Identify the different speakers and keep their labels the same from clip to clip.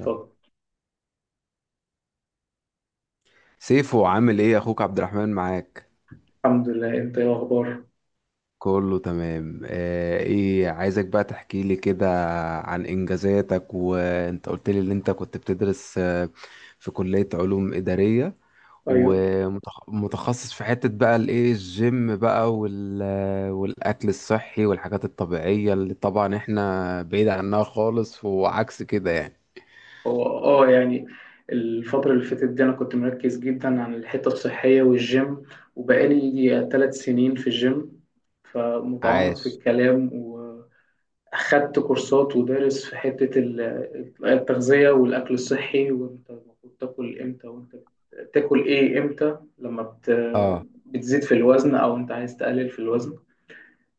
Speaker 1: يلا.
Speaker 2: طب
Speaker 1: سيفو، عامل ايه؟ اخوك عبد الرحمن معاك.
Speaker 2: الحمد لله، انت ايه الاخبار؟
Speaker 1: كله تمام. ايه، عايزك بقى تحكي لي كده عن انجازاتك. وانت قلت لي ان انت كنت بتدرس، في كلية علوم إدارية،
Speaker 2: ايوه،
Speaker 1: ومتخصص في حتة بقى الجيم بقى، والاكل الصحي والحاجات الطبيعية اللي طبعا احنا بعيد عنها خالص، وعكس كده يعني.
Speaker 2: هو الفترة اللي فاتت دي انا كنت مركز جدا عن الحتة الصحية والجيم، وبقالي يجي ثلاث سنين في الجيم، فمتعمق في
Speaker 1: عاش.
Speaker 2: الكلام. واخدت كورسات ودارس في التغذية والاكل الصحي، وانت المفروض تاكل امتى، وانت تاكل ايه امتى، لما
Speaker 1: اه،
Speaker 2: بتزيد في الوزن او انت عايز تقلل في الوزن.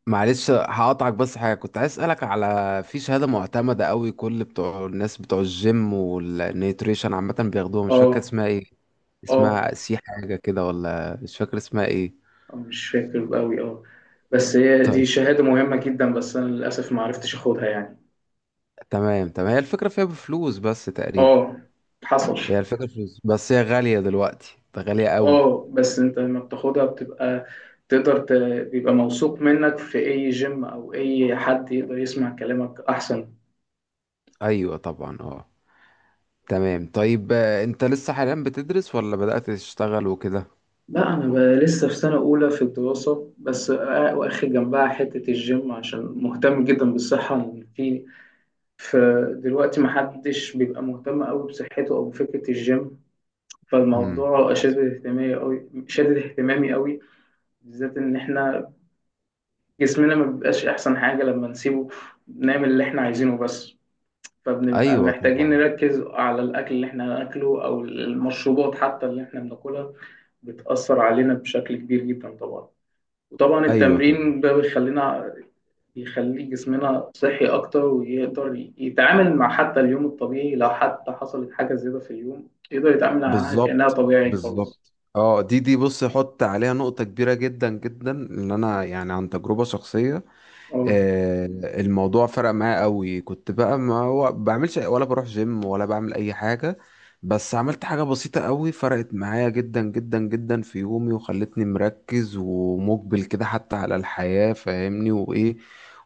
Speaker 1: معلش هقطعك، بس حاجة كنت عايز أسألك على في شهادة معتمدة قوي كل بتوع الناس بتوع الجيم والنيوتريشن عامة بياخدوها، مش فاكر
Speaker 2: اه
Speaker 1: اسمها ايه.
Speaker 2: اه،
Speaker 1: اسمها سي حاجة كده، ولا مش فاكر اسمها ايه.
Speaker 2: مش فاكر قوي. اه، بس هي دي
Speaker 1: طيب،
Speaker 2: شهادة مهمة جدا، بس أنا للأسف ما عرفتش أخدها يعني.
Speaker 1: تمام تمام. هي الفكرة فيها بفلوس بس تقريبا.
Speaker 2: اه، حصل.
Speaker 1: هي الفكرة فلوس بس، هي غالية دلوقتي، ده غالية قوي.
Speaker 2: اه، بس أنت لما بتاخدها بتبقى تقدر ت... بيبقى موثوق منك في أي جيم، أو أي حد يقدر يسمع كلامك أحسن.
Speaker 1: أيوة طبعا، اه. تمام. طيب، انت لسه حاليا بتدرس ولا بدأت تشتغل وكده؟
Speaker 2: لا، أنا بقى لسه في سنة أولى في الدراسة بس، واخد جنبها حتة الجيم عشان مهتم جدا بالصحة. فدلوقتي محدش بيبقى مهتم أوي بصحته أو بفكرة الجيم،
Speaker 1: امم.
Speaker 2: فالموضوع شادد اهتمامي قوي، شادد اهتمامي قوي، بالذات ان احنا جسمنا ما بيبقاش احسن حاجة لما نسيبه نعمل اللي احنا عايزينه بس. فبنبقى
Speaker 1: ايوه
Speaker 2: محتاجين
Speaker 1: طبعا.
Speaker 2: نركز على الاكل اللي احنا هناكله او المشروبات حتى اللي احنا بناكلها، بتأثر علينا بشكل كبير جدا طبعا. وطبعا
Speaker 1: ايوه طبعا.
Speaker 2: التمرين ده يخلي جسمنا صحي أكتر، ويقدر يتعامل مع حتى اليوم الطبيعي، لو حتى حصلت حاجة زيادة في اليوم يقدر يتعامل معاها كأنها
Speaker 1: بالظبط
Speaker 2: طبيعي خالص.
Speaker 1: بالظبط. اه، دي دي بص، حط عليها نقطة كبيرة جدا جدا، ان انا يعني عن تجربة شخصية،
Speaker 2: اه.
Speaker 1: آه، الموضوع فرق معايا قوي. كنت بقى ما هو بعملش ولا بروح جيم ولا بعمل اي حاجة، بس عملت حاجة بسيطة قوي فرقت معايا جدا جدا جدا في يومي، وخلتني مركز ومقبل كده حتى على الحياة، فاهمني؟ وايه،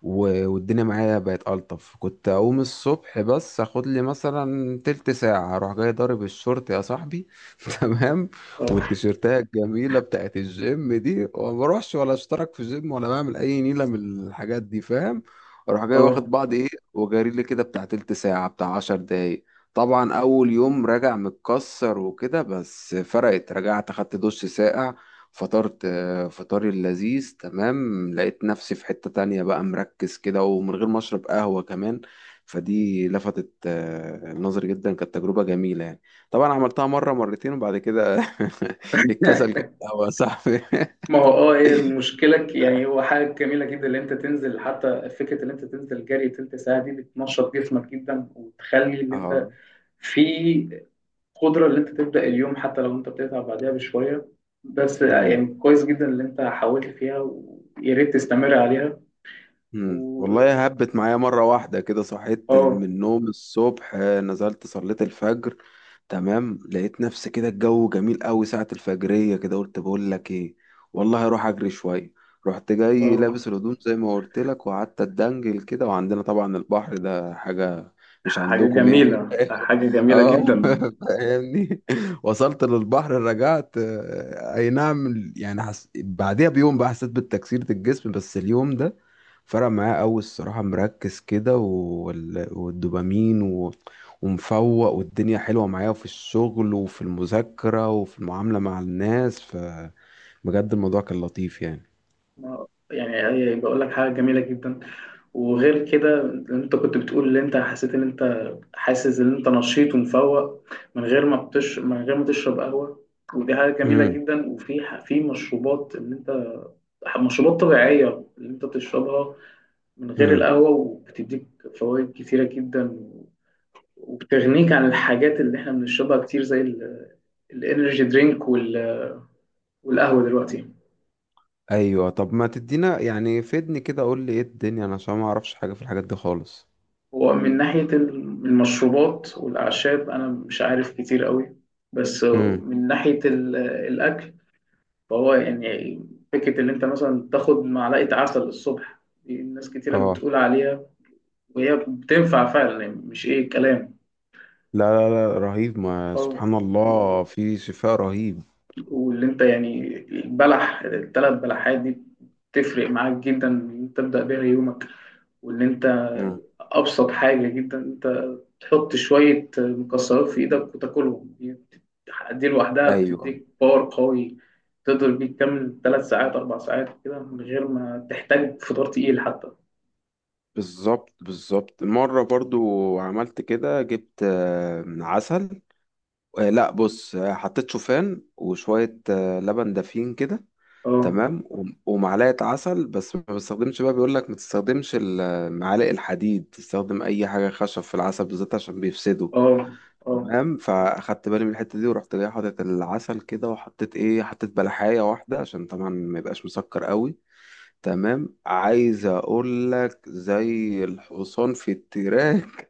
Speaker 1: والدنيا معايا بقت ألطف. كنت أقوم الصبح بس أخد لي مثلا تلت ساعة، أروح جاي ضارب الشورت يا صاحبي، تمام،
Speaker 2: اه.
Speaker 1: والتيشيرتات الجميله بتاعت الجيم دي، وما بروحش ولا اشترك في جيم ولا بعمل اي نيله من الحاجات دي، فاهم؟ اروح جاي واخد
Speaker 2: اه.
Speaker 1: بعض ايه، وجاري لي كده بتاع تلت ساعه، بتاع 10 دقايق. طبعا اول يوم راجع متكسر وكده، بس فرقت. رجعت اخدت دش ساقع، فطرت فطاري اللذيذ. تمام. لقيت نفسي في حتة تانية بقى، مركز كده ومن غير ما اشرب قهوة كمان. فدي لفتت النظر جدا، كانت تجربة جميلة يعني. طبعا عملتها مرة مرتين وبعد كده الكسل كان قهوة يا صاحبي
Speaker 2: ما هو اه، هي المشكلة يعني هو حاجة جميلة جدا اللي انت تنزل، حتى فكرة اللي انت تنزل جري تلت ساعة دي، بتنشط جسمك جدا، وتخلي اللي انت
Speaker 1: اه.
Speaker 2: في قدرة اللي انت تبدأ اليوم، حتى لو انت بتتعب بعدها بشوية، بس
Speaker 1: مم.
Speaker 2: يعني كويس جدا اللي انت حاولت فيها، ويا ريت تستمر عليها.
Speaker 1: مم.
Speaker 2: و
Speaker 1: والله هبت معايا مرة واحدة كده، صحيت من
Speaker 2: اه
Speaker 1: النوم الصبح، نزلت صليت الفجر، تمام، لقيت نفسي كده الجو جميل قوي ساعة الفجرية كده. قلت بقول لك ايه، والله هروح اجري شوية. رحت جاي
Speaker 2: اه،
Speaker 1: لابس الهدوم زي ما قلت لك، وقعدت اتدنجل كده، وعندنا طبعا البحر ده حاجة، مش
Speaker 2: حاجة
Speaker 1: عندكم يعني
Speaker 2: جميلة، حاجة جميلة
Speaker 1: اه
Speaker 2: جدا.
Speaker 1: فاهمني؟ وصلت للبحر، رجعت، آه، اي نعم يعني حس... بعدها بيوم بقى حسيت بتكسيرة الجسم، بس اليوم ده فرق معايا قوي الصراحة. مركز كده والدوبامين ومفوق، والدنيا حلوة معايا في الشغل وفي المذاكرة وفي المعاملة مع الناس، فبجد الموضوع كان لطيف يعني.
Speaker 2: يعني، بقول لك حاجة جميلة جدا. وغير كده، انت كنت بتقول ان انت حسيت ان انت حاسس ان انت نشيط ومفوق من غير ما تشرب قهوة، ودي حاجة جميلة
Speaker 1: امم.
Speaker 2: جدا. وفي في مشروبات ان انت، مشروبات طبيعية اللي انت بتشربها من غير
Speaker 1: امم.
Speaker 2: القهوة، وبتديك فوائد كتيرة جدا، وبتغنيك عن الحاجات اللي احنا بنشربها كتير، زي الانرجي درينك والقهوة دلوقتي.
Speaker 1: ايوه، طب ما تدينا يعني، فدني كده قول لي ايه الدنيا، انا عشان ما اعرفش حاجة في الحاجات دي خالص.
Speaker 2: هو من ناحية المشروبات والأعشاب أنا مش عارف كتير قوي، بس
Speaker 1: امم.
Speaker 2: من ناحية الأكل، فهو يعني فكرة إن أنت مثلا تاخد معلقة عسل الصبح، دي ناس كتيرة
Speaker 1: اه.
Speaker 2: بتقول عليها، وهي بتنفع فعلا، يعني مش إيه كلام.
Speaker 1: لا لا لا، رهيب. ما
Speaker 2: اه،
Speaker 1: سبحان الله في شفاء رهيب.
Speaker 2: واللي انت يعني البلح، الثلاث بلحات دي بتفرق معاك جدا ان انت تبدأ بيها يومك. وان انت،
Speaker 1: مم.
Speaker 2: ابسط حاجة جدا، انت تحط شوية مكسرات في ايدك وتاكلهم، دي دي لوحدها
Speaker 1: ايوه
Speaker 2: بتديك باور قوي، تقدر بيه تكمل ثلاث ساعات اربع ساعات كده، من غير ما تحتاج فطار تقيل حتى.
Speaker 1: بالظبط بالظبط. مرة برضو عملت كده، جبت عسل، لا بص، حطيت شوفان وشوية لبن دافين كده،
Speaker 2: اه.
Speaker 1: تمام، ومعلقة عسل. بس ما بستخدمش بقى، بيقولك ما تستخدمش معالق الحديد، تستخدم أي حاجة خشب في العسل بالذات عشان بيفسده.
Speaker 2: اه. اه.
Speaker 1: تمام، فاخدت بالي من الحته دي. ورحت جاي حاطط العسل كده، وحطيت ايه، حطيت بلحايه واحده عشان طبعا ما يبقاش مسكر قوي. تمام، عايز اقول لك زي الحصان في التراك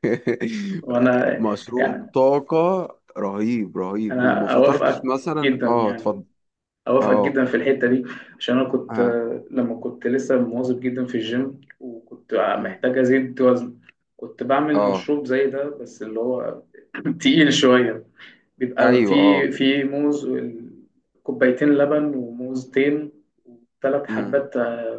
Speaker 2: وانا
Speaker 1: مشروب
Speaker 2: يعني،
Speaker 1: طاقه. رهيب رهيب. وما
Speaker 2: انا
Speaker 1: فطرتش
Speaker 2: اوافقك
Speaker 1: مثلا،
Speaker 2: جدا
Speaker 1: اه،
Speaker 2: يعني،
Speaker 1: اتفضل.
Speaker 2: أوافقك
Speaker 1: اه.
Speaker 2: جدا في الحتة دي. عشان أنا كنت،
Speaker 1: اه.
Speaker 2: لما كنت لسه مواظب جدا في الجيم، وكنت
Speaker 1: مم.
Speaker 2: محتاج أزيد وزن، كنت بعمل
Speaker 1: اه.
Speaker 2: مشروب زي ده بس اللي هو تقيل شوية. بيبقى
Speaker 1: ايوه
Speaker 2: فيه
Speaker 1: اه.
Speaker 2: فيه موز كوبايتين لبن، وموزتين، وثلاث
Speaker 1: مم.
Speaker 2: حبات،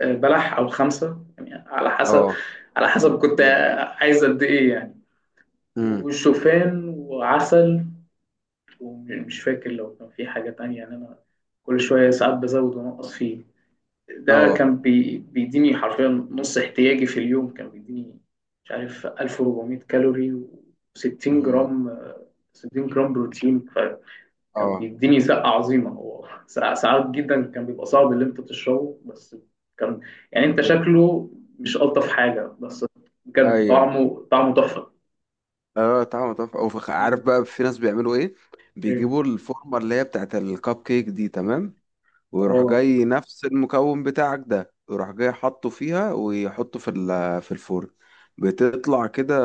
Speaker 2: بلح أو خمسة، يعني على حسب،
Speaker 1: اه.
Speaker 2: على حسب كنت
Speaker 1: مم.
Speaker 2: عايز قد إيه يعني.
Speaker 1: مم.
Speaker 2: وشوفان وعسل، ومش فاكر لو كان في حاجة تانية. يعني أنا كل شوية ساعات بزود وأنقص فيه. ده
Speaker 1: اه.
Speaker 2: كان بيديني حرفيا نص احتياجي في اليوم، كان بيديني مش عارف 1400 كالوري و60
Speaker 1: مم.
Speaker 2: جرام، 60 جرام بروتين. فكان
Speaker 1: اه.
Speaker 2: بيديني زقة عظيمة. هو ساعات جدا كان بيبقى صعب اللي انت تشربه، بس كان يعني انت
Speaker 1: مم.
Speaker 2: شكله مش ألطف حاجة، بس بجد
Speaker 1: ايوه
Speaker 2: طعمه، طعمه تحفة.
Speaker 1: اه، طعمه تحفة. او عارف
Speaker 2: مم.
Speaker 1: بقى في ناس بيعملوا ايه،
Speaker 2: ايه.
Speaker 1: بيجيبوا الفورمة اللي هي بتاعت الكب كيك دي، تمام، ويروح
Speaker 2: اه.
Speaker 1: جاي نفس المكون بتاعك ده، ويروح جاي حاطه فيها، ويحطه في في الفرن، بتطلع كده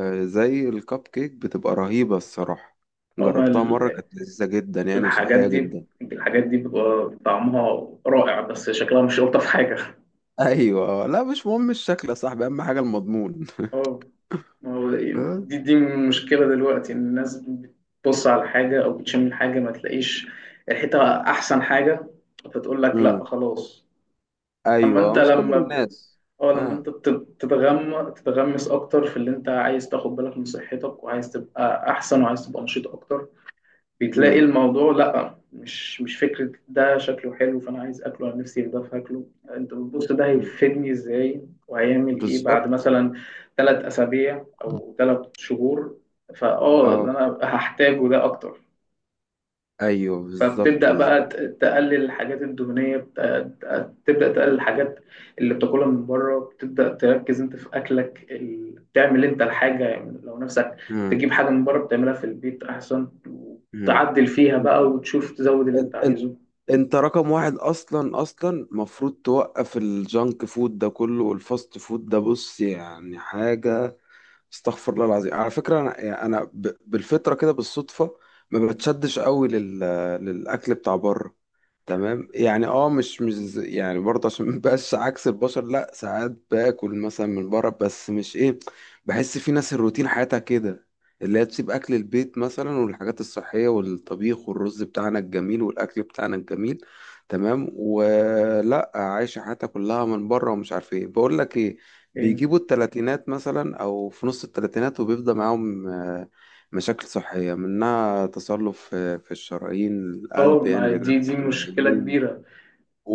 Speaker 1: زي الكب كيك، بتبقى رهيبة الصراحة.
Speaker 2: اه. ما
Speaker 1: جربتها مرة، كانت لذيذة جدا يعني،
Speaker 2: الحاجات
Speaker 1: وصحية
Speaker 2: دي،
Speaker 1: جدا.
Speaker 2: الحاجات دي بتبقى طعمها رائع، بس شكلها مش ألطف حاجة.
Speaker 1: ايوه، لا مش مهم الشكل يا صاحبي، اهم حاجة المضمون.
Speaker 2: اه، ما هو
Speaker 1: آه.
Speaker 2: دي دي مشكلة دلوقتي، إن الناس بتبص على حاجة أو بتشم الحاجة، ما تلاقيش ريحتها أحسن حاجة، فتقول لك
Speaker 1: امم.
Speaker 2: لأ خلاص. أما
Speaker 1: ايوه،
Speaker 2: أنت
Speaker 1: مش كل الناس.
Speaker 2: أه، لما
Speaker 1: اه.
Speaker 2: أنت بت- بتتغم تتغمس أكتر في اللي أنت عايز تاخد بالك من صحتك، وعايز تبقى أحسن، وعايز تبقى نشيط أكتر، بتلاقي
Speaker 1: امم.
Speaker 2: الموضوع لا، مش مش فكرة ده شكله حلو فأنا عايز أكله، أنا نفسي في ده فاكله. أنت بتبص ده
Speaker 1: أمم.
Speaker 2: هيفيدني إزاي، وهيعمل إيه بعد
Speaker 1: بالظبط.
Speaker 2: مثلا ثلاث أسابيع أو ثلاث شهور. فأه، اللي
Speaker 1: اه.
Speaker 2: أنا هحتاجه ده أكتر.
Speaker 1: ايوه بالظبط
Speaker 2: فبتبدأ بقى
Speaker 1: بالظبط.
Speaker 2: تقلل الحاجات الدهنية، تبدأ تقلل الحاجات اللي بتاكلها من بره. بتبدأ تركز انت في أكلك تعمل انت الحاجة، يعني لو نفسك
Speaker 1: مم.
Speaker 2: تجيب حاجة من بره بتعملها في البيت أحسن،
Speaker 1: مم.
Speaker 2: وتعدل فيها بقى، وتشوف تزود اللي
Speaker 1: ان-
Speaker 2: انت
Speaker 1: ان-
Speaker 2: عايزه،
Speaker 1: انت رقم واحد، اصلا اصلا مفروض توقف الجانك فود ده كله، والفاست فود ده. بص يعني حاجة، استغفر الله العظيم، على فكرة أنا يعني أنا بالفطرة كده بالصدفة ما بتشدش قوي للأكل بتاع بره. تمام يعني، اه، مش مش ز- يعني برضه عشان مبقاش عكس البشر، لا ساعات باكل مثلا من بره، بس مش ايه، بحس في ناس الروتين حياتها كده، اللي هي تسيب أكل البيت مثلا والحاجات الصحية، والطبيخ والرز بتاعنا الجميل والأكل بتاعنا الجميل، تمام، ولا عايشة حياتها كلها من بره ومش عارف ايه. بقول لك ايه،
Speaker 2: يعني.
Speaker 1: بيجيبوا التلاتينات مثلا او في نص التلاتينات، وبيبدأ معاهم مشاكل صحية، منها تصلب في الشرايين،
Speaker 2: اه،
Speaker 1: القلب يعني،
Speaker 2: ما
Speaker 1: بعيد عن
Speaker 2: دي دي مشكلة
Speaker 1: السمعيين،
Speaker 2: كبيرة،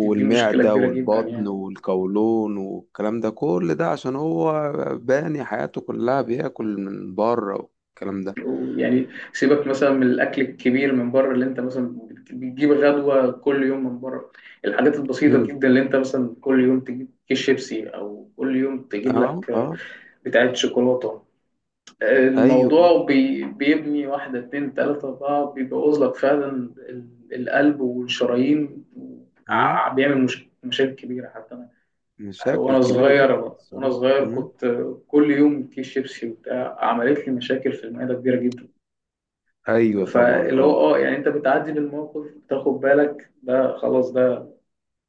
Speaker 2: دي، دي مشكلة كبيرة جدا
Speaker 1: والبطن
Speaker 2: يعني.
Speaker 1: والقولون والكلام ده، كل ده عشان هو باني حياته كلها بياكل من بره والكلام ده.
Speaker 2: يعني سيبك مثلا من الاكل الكبير من بره اللي انت مثلا بتجيب غدوه كل يوم من بره، الحاجات البسيطه
Speaker 1: مم.
Speaker 2: جدا اللي انت مثلا كل يوم تجيب كيس شيبسي، او كل يوم تجيب
Speaker 1: اه. اه.
Speaker 2: لك بتاعه شوكولاته،
Speaker 1: ايوه.
Speaker 2: الموضوع بيبني واحده اتنين تلاته اربعه، بيبوظ لك فعلا ال- القلب والشرايين،
Speaker 1: مم.
Speaker 2: بيعمل مشاكل كبيره. حتى انا
Speaker 1: مشاكل
Speaker 2: وانا
Speaker 1: كبيرة جدا
Speaker 2: صغير وانا
Speaker 1: الصراحة.
Speaker 2: صغير
Speaker 1: مم.
Speaker 2: كنت كل يوم كيس شيبسي وبتاع، عملت لي مشاكل في المعده كبيره جدا.
Speaker 1: ايوه طبعا
Speaker 2: فاللي
Speaker 1: اه.
Speaker 2: هو اه يعني انت بتعدي بالموقف، بتاخد بالك ده خلاص، ده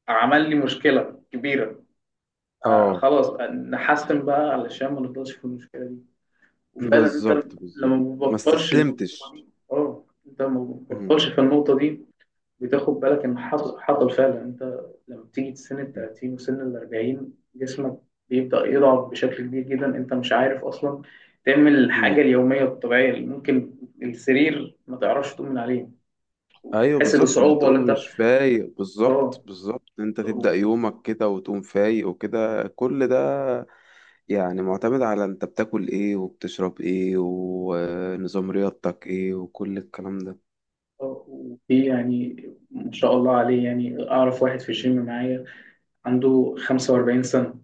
Speaker 2: عمل لي مشكله كبيره،
Speaker 1: اه
Speaker 2: فخلاص نحسن بقى علشان ما نفضلش في المشكله دي. وفعلا انت
Speaker 1: بالظبط
Speaker 2: لما
Speaker 1: بالظبط،
Speaker 2: ما
Speaker 1: ما
Speaker 2: بتبطلش النقطه
Speaker 1: استسلمتش.
Speaker 2: دي، اه انت ما
Speaker 1: مم.
Speaker 2: بتبطلش في النقطه دي، بتاخد بالك ان حصل حصل. فعلا انت لما بتيجي سن ال
Speaker 1: مم.
Speaker 2: 30 وسن ال 40، جسمك بيبدا يضعف بشكل كبير جدا، انت مش عارف اصلا تعمل الحاجه
Speaker 1: مم.
Speaker 2: اليوميه الطبيعيه. اللي ممكن السرير ما تعرفش تؤمن عليه،
Speaker 1: ايوه
Speaker 2: تحس
Speaker 1: بالظبط،
Speaker 2: بصعوبة. ولا
Speaker 1: بتقوم
Speaker 2: أنت؟
Speaker 1: مش فايق. بالظبط
Speaker 2: آه.
Speaker 1: بالظبط، انت تبدأ
Speaker 2: و-
Speaker 1: يومك كده وتقوم فايق وكده، كل ده يعني معتمد على انت بتاكل ايه وبتشرب ايه، ونظام رياضتك ايه، وكل الكلام ده.
Speaker 2: وفي يعني، ما شاء الله عليه، يعني أعرف واحد في الجيم معايا عنده 45 سنة.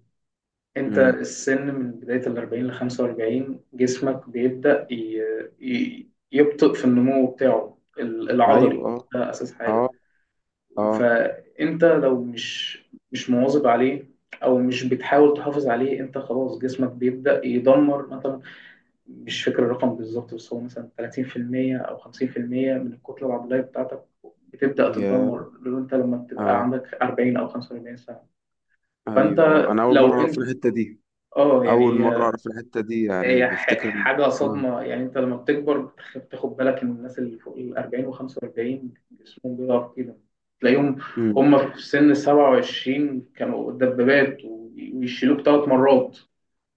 Speaker 2: أنت
Speaker 1: مم.
Speaker 2: السن من بداية ال 40 ل 45 جسمك بيبدأ يبطئ في النمو بتاعه العضلي،
Speaker 1: ايوه اه.
Speaker 2: ده أساس حاجة.
Speaker 1: اه. اه.
Speaker 2: فأنت لو مش مواظب عليه أو مش بتحاول تحافظ عليه، أنت خلاص جسمك بيبدأ يدمر. مثلا مش فاكر الرقم بالظبط، بس هو مثلا 30% أو 50% من الكتلة العضلية بتاعتك بتبدأ
Speaker 1: يا.
Speaker 2: تتدمر، لو أنت لما بتبقى
Speaker 1: اه.
Speaker 2: عندك 40 أو 45 سنة. فأنت
Speaker 1: ايوه اه، انا اول مرة
Speaker 2: لو
Speaker 1: اعرف
Speaker 2: أنت
Speaker 1: الحتة دي.
Speaker 2: اه
Speaker 1: اول
Speaker 2: يعني
Speaker 1: مرة
Speaker 2: هي،
Speaker 1: اعرف الحتة دي يعني،
Speaker 2: هي
Speaker 1: بفتكر.
Speaker 2: حاجة
Speaker 1: اه.
Speaker 2: صدمة يعني. أنت لما بتكبر بتاخد بالك إن الناس اللي فوق ال 40 و 45 جسمهم بيضعف كده، تلاقيهم
Speaker 1: مم.
Speaker 2: هم في سن 27 كانوا دبابات ويشيلوك ثلاث مرات.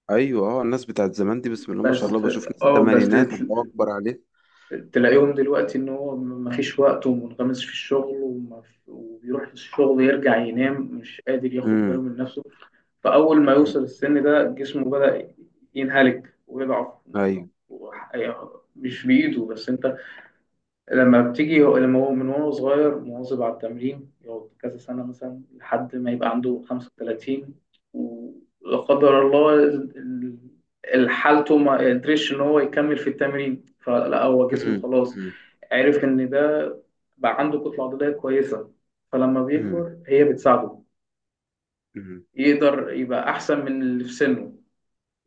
Speaker 1: ايوه اه، الناس بتاعت زمان دي بسم الله ما
Speaker 2: بس
Speaker 1: شاء الله، بشوف ناس
Speaker 2: اه، بس
Speaker 1: الثمانينات الله اكبر عليه.
Speaker 2: تلاقيهم دلوقتي ان هو ما فيش وقت، ومنغمس في الشغل، وبيروح الشغل يرجع ينام، مش قادر ياخد باله
Speaker 1: امم.
Speaker 2: من نفسه. فاول ما يوصل السن ده جسمه بدأ ينهلك ويضعف.
Speaker 1: ايوه.
Speaker 2: يعني مش بايده. بس انت لما هو من وهو صغير مواظب على التمرين، يقعد كذا سنة مثلا لحد ما يبقى عنده 35، ولا قدر الله حالته ما قدرش ان هو يكمل في التمرين، فلا، هو جسمه
Speaker 1: امم.
Speaker 2: خلاص
Speaker 1: امم.
Speaker 2: عرف إن ده بقى عنده كتلة عضلية كويسة، فلما
Speaker 1: امم.
Speaker 2: بيكبر هي بتساعده،
Speaker 1: امم.
Speaker 2: يقدر يبقى أحسن من اللي في سنه،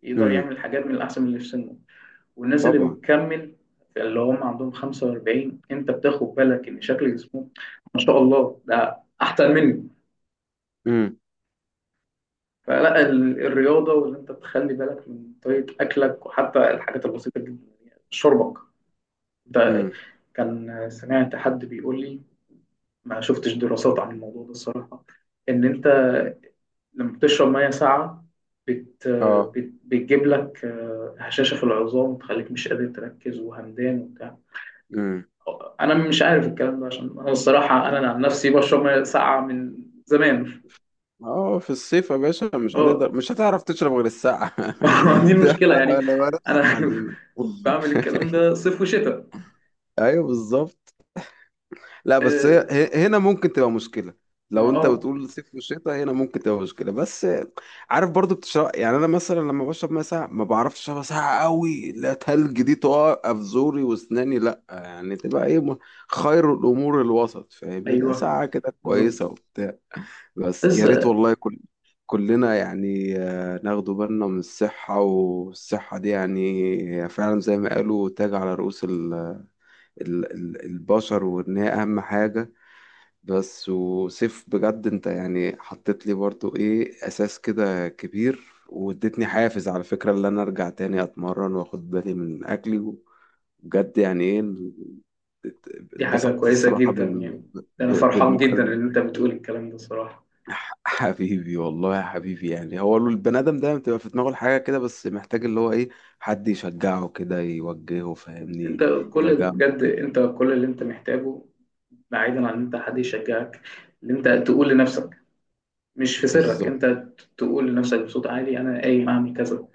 Speaker 2: يقدر
Speaker 1: أمم.
Speaker 2: يعمل حاجات من الأحسن من اللي في سنه. والناس اللي
Speaker 1: طبعا.
Speaker 2: بتكمل اللي هم عندهم 45، أنت بتاخد بالك إن شكل جسمهم، ما شاء الله، ده أحسن مني.
Speaker 1: امم.
Speaker 2: فلا الرياضة وإن أنت تخلي بالك من طريقة أكلك، وحتى الحاجات البسيطة جدا، يعني شربك ده،
Speaker 1: امم.
Speaker 2: كان سمعت حد بيقول لي، ما شفتش دراسات عن الموضوع ده الصراحة، إن أنت لما بتشرب مية ساقعة، بت...
Speaker 1: اه.
Speaker 2: بتجيب لك، هشاشة في العظام، وتخليك مش قادر تركز، وهمدان وبتاع.
Speaker 1: امم.
Speaker 2: أنا مش عارف الكلام ده، عشان أنا الصراحة
Speaker 1: أمم.
Speaker 2: أنا عن نفسي بشرب مية ساقعة من زمان.
Speaker 1: اه، في الصيف يا باشا مش
Speaker 2: أه
Speaker 1: هتقدر، مش هتعرف تشرب غير الساعة
Speaker 2: ما دي المشكلة يعني.
Speaker 1: انا بضحك
Speaker 2: أنا
Speaker 1: علينا
Speaker 2: بعمل الكلام ده صيف وشتاء.
Speaker 1: ايوه بالظبط. لا بس
Speaker 2: أه
Speaker 1: هنا ممكن تبقى مشكلة. لو
Speaker 2: ما-
Speaker 1: انت
Speaker 2: آه،
Speaker 1: بتقول صيف وشتاء، هنا ممكن تبقى مشكلة، بس عارف برضو بتشرب يعني، انا مثلا لما بشرب ميه ساقعة ما بعرفش اشربها ساقعة قوي، لا تلج دي تقع في زوري واسناني، لا يعني تبقى ايه، خير الامور الوسط، فاهمني؟ لا
Speaker 2: أيوه،
Speaker 1: ساقعة كده
Speaker 2: بالظبط.
Speaker 1: كويسة وبتاع. بس يا
Speaker 2: بس
Speaker 1: ريت، والله كل كلنا يعني ناخدوا بالنا من الصحة، والصحة دي يعني هي فعلا زي ما قالوا تاج على رؤوس البشر، وإن هي أهم حاجة. بس وسيف، بجد انت يعني حطيت لي برضو ايه، اساس كده كبير، واديتني حافز على فكرة اللي انا ارجع تاني اتمرن واخد بالي من اكلي. بجد يعني ايه،
Speaker 2: دي حاجة
Speaker 1: اتبسطت
Speaker 2: كويسة
Speaker 1: الصراحة
Speaker 2: جدا يعني، أنا فرحان جدا
Speaker 1: بالمكالمة.
Speaker 2: إن أنت بتقول الكلام ده الصراحة.
Speaker 1: حبيبي، والله يا حبيبي يعني، هو البني ادم دايما بتبقى في دماغه الحاجة كده، بس محتاج اللي هو ايه، حد يشجعه كده، يوجهه
Speaker 2: انت
Speaker 1: فاهمني، يبقى
Speaker 2: كل،
Speaker 1: جنبه
Speaker 2: بجد
Speaker 1: كده.
Speaker 2: انت كل اللي انت محتاجه، بعيدا عن ان انت حد يشجعك، ان انت تقول لنفسك، مش في سرك،
Speaker 1: بالظبط.
Speaker 2: انت تقول لنفسك بصوت عالي انا قايم اعمل كذا.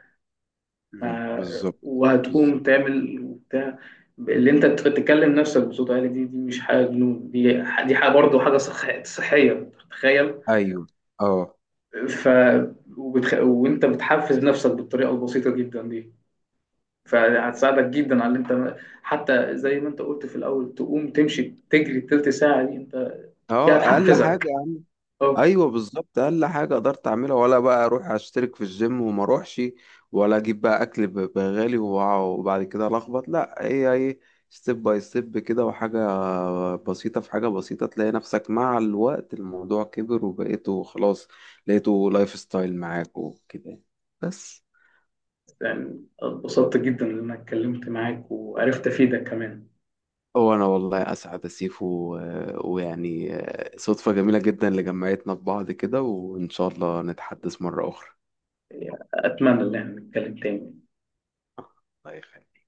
Speaker 1: مم.
Speaker 2: ما
Speaker 1: بالظبط.
Speaker 2: وهتقوم
Speaker 1: بالظبط.
Speaker 2: تعمل وبتاع. اللي انت تتكلم نفسك بصوت عالي دي، دي مش حاجه جنون، دي دي حاجه برضه حاجه صحيه، تخيل.
Speaker 1: ايوه. اه.
Speaker 2: ف وانت بتحفز نفسك بالطريقه البسيطه جدا دي، فهتساعدك جدا على اللي انت، حتى زي ما انت قلت في الاول، تقوم تمشي تجري التلت ساعه دي، انت دي
Speaker 1: اه اقل حاجه.
Speaker 2: هتحفزك. اه،
Speaker 1: ايوه بالظبط، اقل حاجه قدرت اعملها، ولا بقى اروح اشترك في الجيم وما اروحش، ولا اجيب بقى اكل بغالي وبعد كده لخبط، لا هي ايه، ستيب باي ستيب كده. وحاجه بسيطه في حاجه بسيطه تلاقي نفسك مع الوقت الموضوع كبر، وبقيته خلاص لقيته لايف ستايل معاك وكده يعني. بس.
Speaker 2: يعني اتبسطت جدا ان انا اتكلمت معاك، وعرفت افيدك كمان.
Speaker 1: هو انا والله اسعد يا سيفو، ويعني صدفه جميله جدا اللي جمعتنا ببعض كده، وان شاء الله نتحدث مره اخرى.
Speaker 2: يعني اتمنى ان احنا نتكلم تاني.
Speaker 1: الله يخليك.